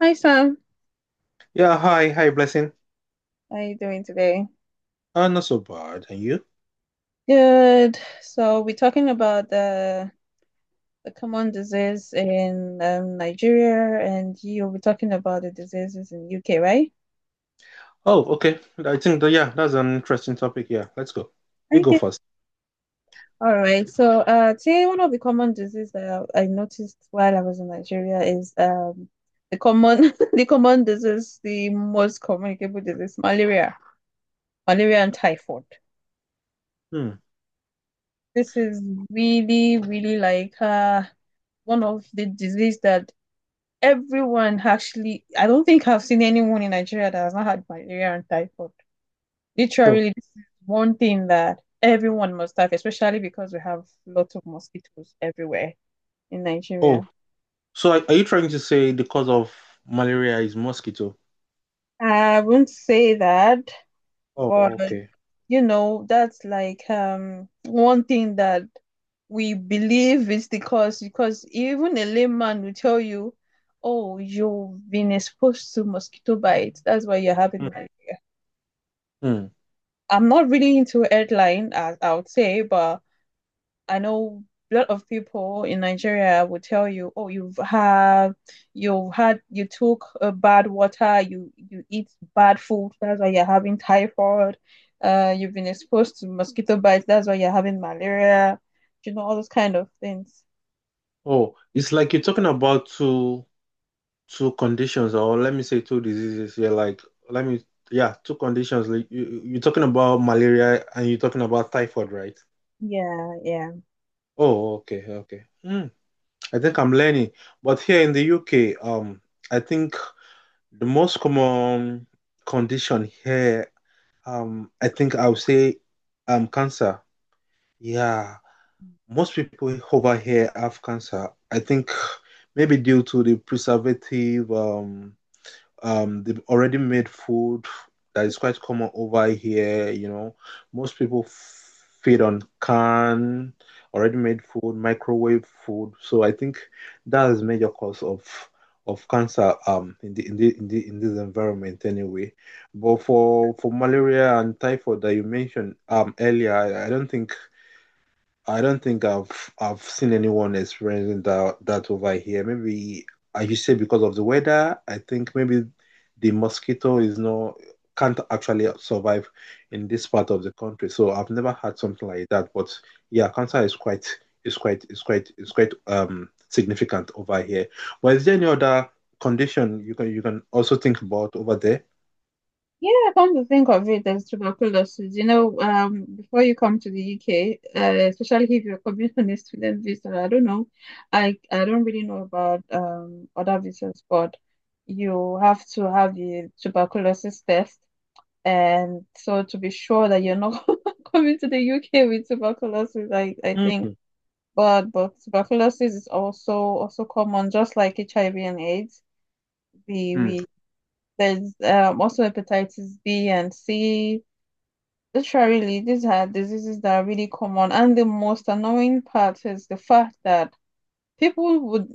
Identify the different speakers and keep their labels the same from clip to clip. Speaker 1: Hi Sam,
Speaker 2: Yeah, hi, Blessing.
Speaker 1: how are you doing today?
Speaker 2: Not so bad. And you?
Speaker 1: Good. So we're talking about the common disease in Nigeria, and you'll be talking about the diseases in UK, right?
Speaker 2: Oh, okay. I think that, yeah, that's an interesting topic. Yeah, let's go. You go
Speaker 1: Okay.
Speaker 2: first.
Speaker 1: All right. So today one of the common diseases that I noticed while I was in Nigeria is the common the common disease, the most communicable disease, malaria, malaria and typhoid.
Speaker 2: Hmm.
Speaker 1: This is really, really like one of the disease that everyone actually, I don't think I've seen anyone in Nigeria that has not had malaria and typhoid.
Speaker 2: So,
Speaker 1: Literally, this is one thing that everyone must have, especially because we have lots of mosquitoes everywhere in
Speaker 2: oh,
Speaker 1: Nigeria.
Speaker 2: so are you trying to say the cause of malaria is mosquito?
Speaker 1: I wouldn't say that,
Speaker 2: Oh,
Speaker 1: but
Speaker 2: okay.
Speaker 1: you know, that's like one thing that we believe is the cause because even a layman will tell you, oh, you've been exposed to mosquito bites. That's why you're
Speaker 2: Hmm.
Speaker 1: having.
Speaker 2: hmm.
Speaker 1: I'm not really into airline, as I would say, but I know a lot of people in Nigeria would tell you, oh, you've had, you took bad water, you eat bad food, that's why you're having typhoid. You've been exposed to mosquito bites, that's why you're having malaria. You know, all those kind of things.
Speaker 2: Oh, it's like you're talking about two conditions, or let me say two diseases. Yeah, let me, yeah, two conditions. Like you're talking about malaria and you're talking about typhoid, right?
Speaker 1: Yeah, yeah.
Speaker 2: Oh, okay. Hmm. I think I'm learning. But here in the UK, I think the most common condition here, I think I would say, cancer. Yeah, most people over here have cancer. I think maybe due to the preservative, they've already made food that is quite common over here. You know, most people feed on canned, already made food, microwave food. So I think that is major cause of cancer in the in this environment anyway. But for malaria and typhoid that you mentioned earlier, I don't think I don't think I've seen anyone experiencing that over here. Maybe as you say because of the weather, I think maybe the mosquito is not can't actually survive in this part of the country. So I've never had something like that. But yeah, cancer is quite is quite is quite is quite significant over here. But is there any other condition you can also think about over there?
Speaker 1: Yeah, come to think of it, as tuberculosis. You know, before you come to the UK, especially if you're coming on a student visa, I don't know, I don't really know about other visas, but you have to have the tuberculosis test, and so to be sure that you're not coming to the UK with tuberculosis, I think.
Speaker 2: Mm.
Speaker 1: But tuberculosis is also common, just like HIV and AIDS. We
Speaker 2: Mm.
Speaker 1: we there's also hepatitis B and C. Literally, these are diseases that are really common. And the most annoying part is the fact that people would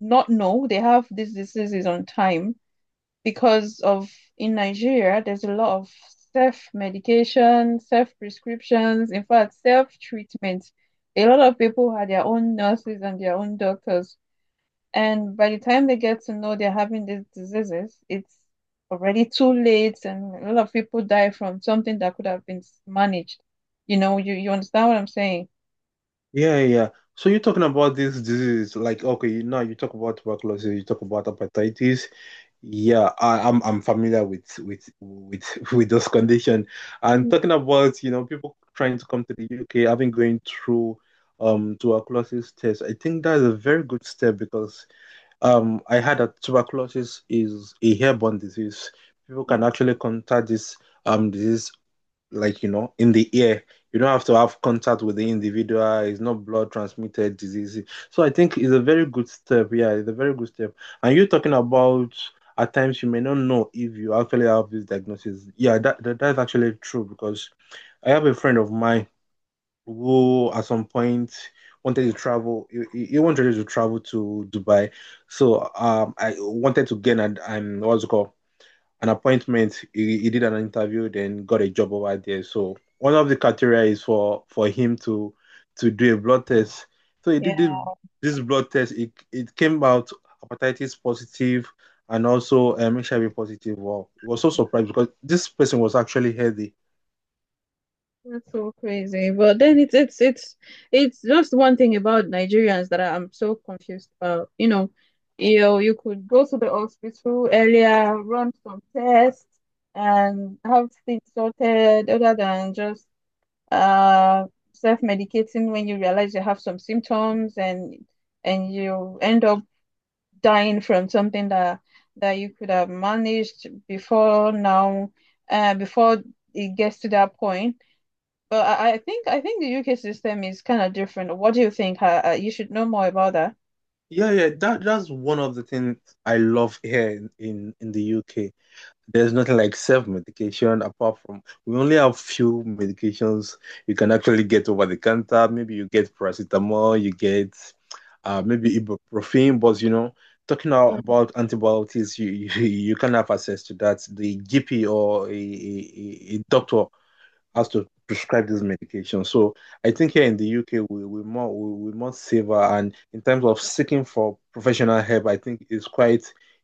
Speaker 1: not know they have these diseases on time because of in Nigeria, there's a lot of self-medication, self-prescriptions, in fact, self-treatment. A lot of people had their own nurses and their own doctors. And by the time they get to know they're having these diseases, it's already too late, and a lot of people die from something that could have been managed. You know, you understand what I'm saying?
Speaker 2: Yeah, yeah. So you're talking about this disease, like okay, now you talk about tuberculosis, you talk about hepatitis. Yeah, I'm familiar with with those condition. And
Speaker 1: Mm.
Speaker 2: talking about, you know, people trying to come to the UK, having going through tuberculosis test, I think that's a very good step because I heard that tuberculosis is a airborne disease. People can actually contact this disease like you know in the air. You don't have to have contact with the individual. It's not blood transmitted disease, so I think it's a very good step. Yeah, it's a very good step. And you are talking about, at times you may not know if you actually have this diagnosis. Yeah, that, that's actually true because I have a friend of mine who at some point wanted to travel. He wanted to travel to Dubai. So I wanted to get an what's it called, an appointment. He did an interview, then got a job over there. So one of the criteria is for him to do a blood test. So
Speaker 1: Yeah,
Speaker 2: this blood test. It came out hepatitis positive and also HIV positive. Wow, it was so surprised because this person was actually healthy.
Speaker 1: that's so crazy. But then it's it's just one thing about Nigerians that I'm so confused about. You know, you could go to the hospital earlier, run some tests, and have things sorted other than just uh, self-medicating when you realize you have some symptoms and you end up dying from something that that you could have managed before now, before it gets to that point. But I think the UK system is kind of different. What do you think? You should know more about that.
Speaker 2: Yeah, yeah, that's one of the things I love here in the UK. There's nothing like self-medication apart from we only have few medications you can actually get over the counter. Maybe you get paracetamol, you get maybe ibuprofen, but you know, talking
Speaker 1: Mm.
Speaker 2: about antibiotics, you you can have access to that. The GP or a doctor has to prescribe this medication. So I think here in the UK we more saver and in terms of seeking for professional help, I think it's quite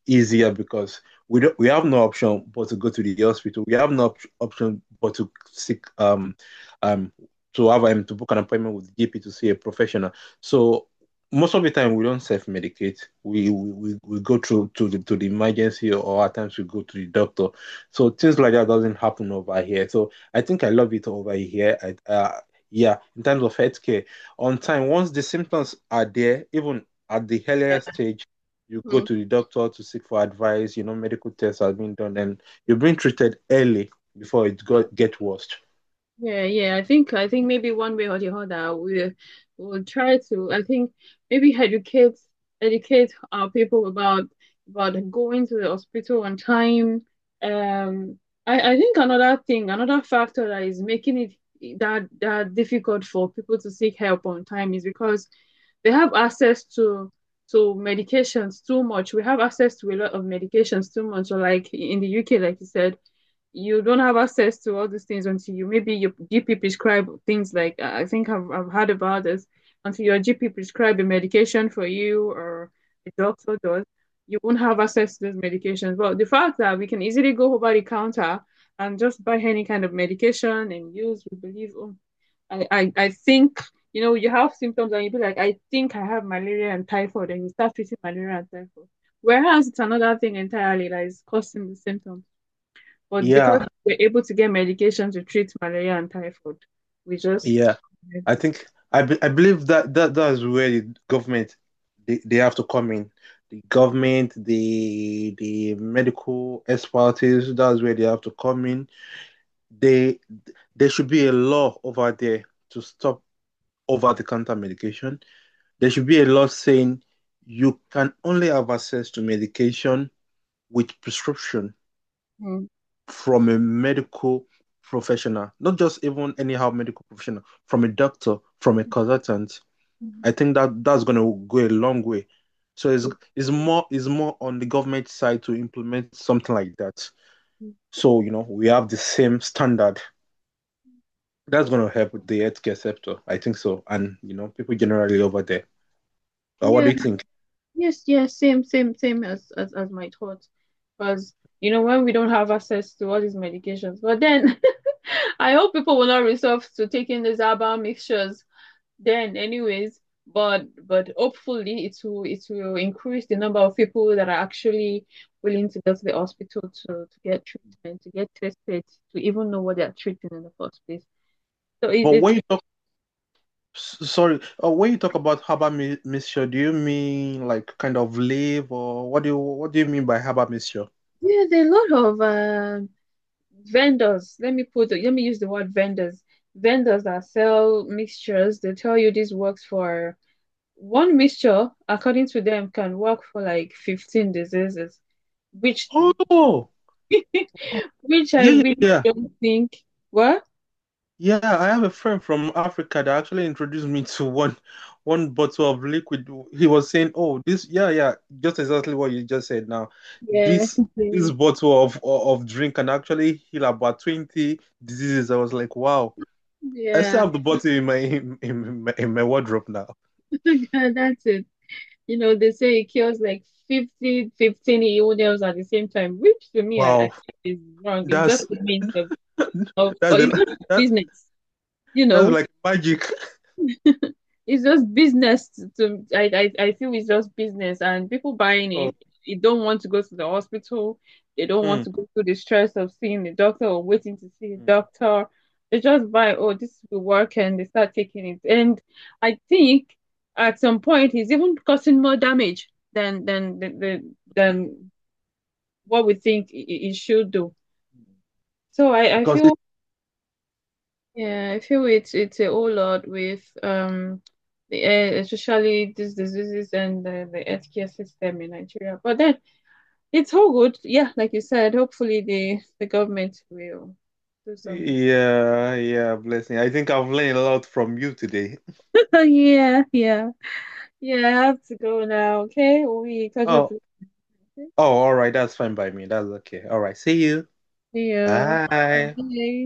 Speaker 2: easier because we have no option but to go to the hospital. We have no option but to seek um to have to book an appointment with GP to see a professional. So most of the time we don't self-medicate. We go through to the emergency or at times we go to the doctor. So things like that doesn't happen over here. So I think I love it over here. Yeah, in terms of healthcare, on time, once the symptoms are there, even at the
Speaker 1: Yeah.
Speaker 2: earlier stage, you go
Speaker 1: Mhm.
Speaker 2: to the doctor to seek for advice, you know, medical tests have been done, and you're being treated early before it got get worse.
Speaker 1: Yeah, yeah. I think maybe one way or the other we will try to I think maybe educate our people about going to the hospital on time. Um I think another thing, another factor that is making it that difficult for people to seek help on time is because they have access to medications too much. We have access to a lot of medications too much. So like in the UK, like you said you don't have access to all these things until you maybe your GP prescribe things like I think I've heard about this until your GP prescribe a medication for you or a doctor does, you won't have access to those medications. But the fact that we can easily go over the counter and just buy any kind of medication and use, we believe, oh, I think, you know, you have symptoms and you be like, I think I have malaria and typhoid, and you start treating malaria and typhoid. Whereas it's another thing entirely that is causing the symptom. But because
Speaker 2: Yeah,
Speaker 1: we're able to get medication to treat malaria and typhoid, we just.
Speaker 2: yeah. I think I believe that that's where the government, they have to come in. The government, the medical expertise, that's where they have to come in. They There should be a law over there to stop over-the-counter medication. There should be a law saying you can only have access to medication with prescription
Speaker 1: Mm.
Speaker 2: from a medical professional, not just even anyhow medical professional, from a doctor, from a consultant. I think that that's going to go a long way. So it's more on the government side to implement something like that. So you know we have the same standard. That's going to help with the healthcare sector. I think so. And, you know, people generally over there. What do
Speaker 1: Yeah,
Speaker 2: you think?
Speaker 1: yes, yes, same as as my thoughts. Because you know, when we don't have access to all these medications, but then I hope people will not resort to taking these herbal mixtures then anyways, but hopefully it will increase the number of people that are actually willing to go to the hospital to get treatment, to get tested, to even know what they're treating in the first place. So
Speaker 2: But
Speaker 1: it's
Speaker 2: when you talk, s- sorry, When you talk about herbal mixture, do you mean like kind of leaf or what do you mean by herbal mixture?
Speaker 1: there's a lot of vendors, let me put, let me use the word vendors, vendors that sell mixtures. They tell you this works for one mixture according to them can work for like 15 diseases which
Speaker 2: Oh,
Speaker 1: which I
Speaker 2: yeah, yeah,
Speaker 1: really
Speaker 2: yeah.
Speaker 1: don't think. What?
Speaker 2: Yeah, I have a friend from Africa that actually introduced me to one bottle of liquid. He was saying, "Oh, this, yeah, yeah, just exactly what you just said now.
Speaker 1: Yeah.
Speaker 2: This this bottle of drink can actually heal about 20 diseases." I was like, "Wow." I
Speaker 1: Yeah.
Speaker 2: still have the bottle in my in my in my wardrobe now.
Speaker 1: That's it. You know, they say it kills like 50, 15 illness at the same time, which to me, I
Speaker 2: Wow.
Speaker 1: think is wrong. It's just
Speaker 2: That's
Speaker 1: a means of,
Speaker 2: that's
Speaker 1: or it's not a
Speaker 2: that
Speaker 1: business, you
Speaker 2: that's
Speaker 1: know.
Speaker 2: like magic.
Speaker 1: It's just business to, I feel it's just business and people buying
Speaker 2: Oh.
Speaker 1: it, they don't want to go to the hospital. They don't want
Speaker 2: Hmm.
Speaker 1: to go through the stress of seeing the doctor or waiting to see the
Speaker 2: Mm,
Speaker 1: doctor. They just buy, oh, this will work and they start taking it. And I think at some point it's even causing more damage than than
Speaker 2: mm,
Speaker 1: than what we think it should do.
Speaker 2: mm.
Speaker 1: So I
Speaker 2: Because
Speaker 1: feel. Yeah, I feel it's a whole lot with the air, especially these diseases and the healthcare system in Nigeria. But then it's all good. Yeah, like you said, hopefully the government will do something.
Speaker 2: yeah, yeah, Blessing. I think I've learned a lot from you today.
Speaker 1: Yeah, yeah, yeah. I have to go now. Okay, we catch up
Speaker 2: Oh,
Speaker 1: later.
Speaker 2: oh, all right. That's fine by me. That's okay. All right. See you.
Speaker 1: See you.
Speaker 2: Bye.
Speaker 1: Bye.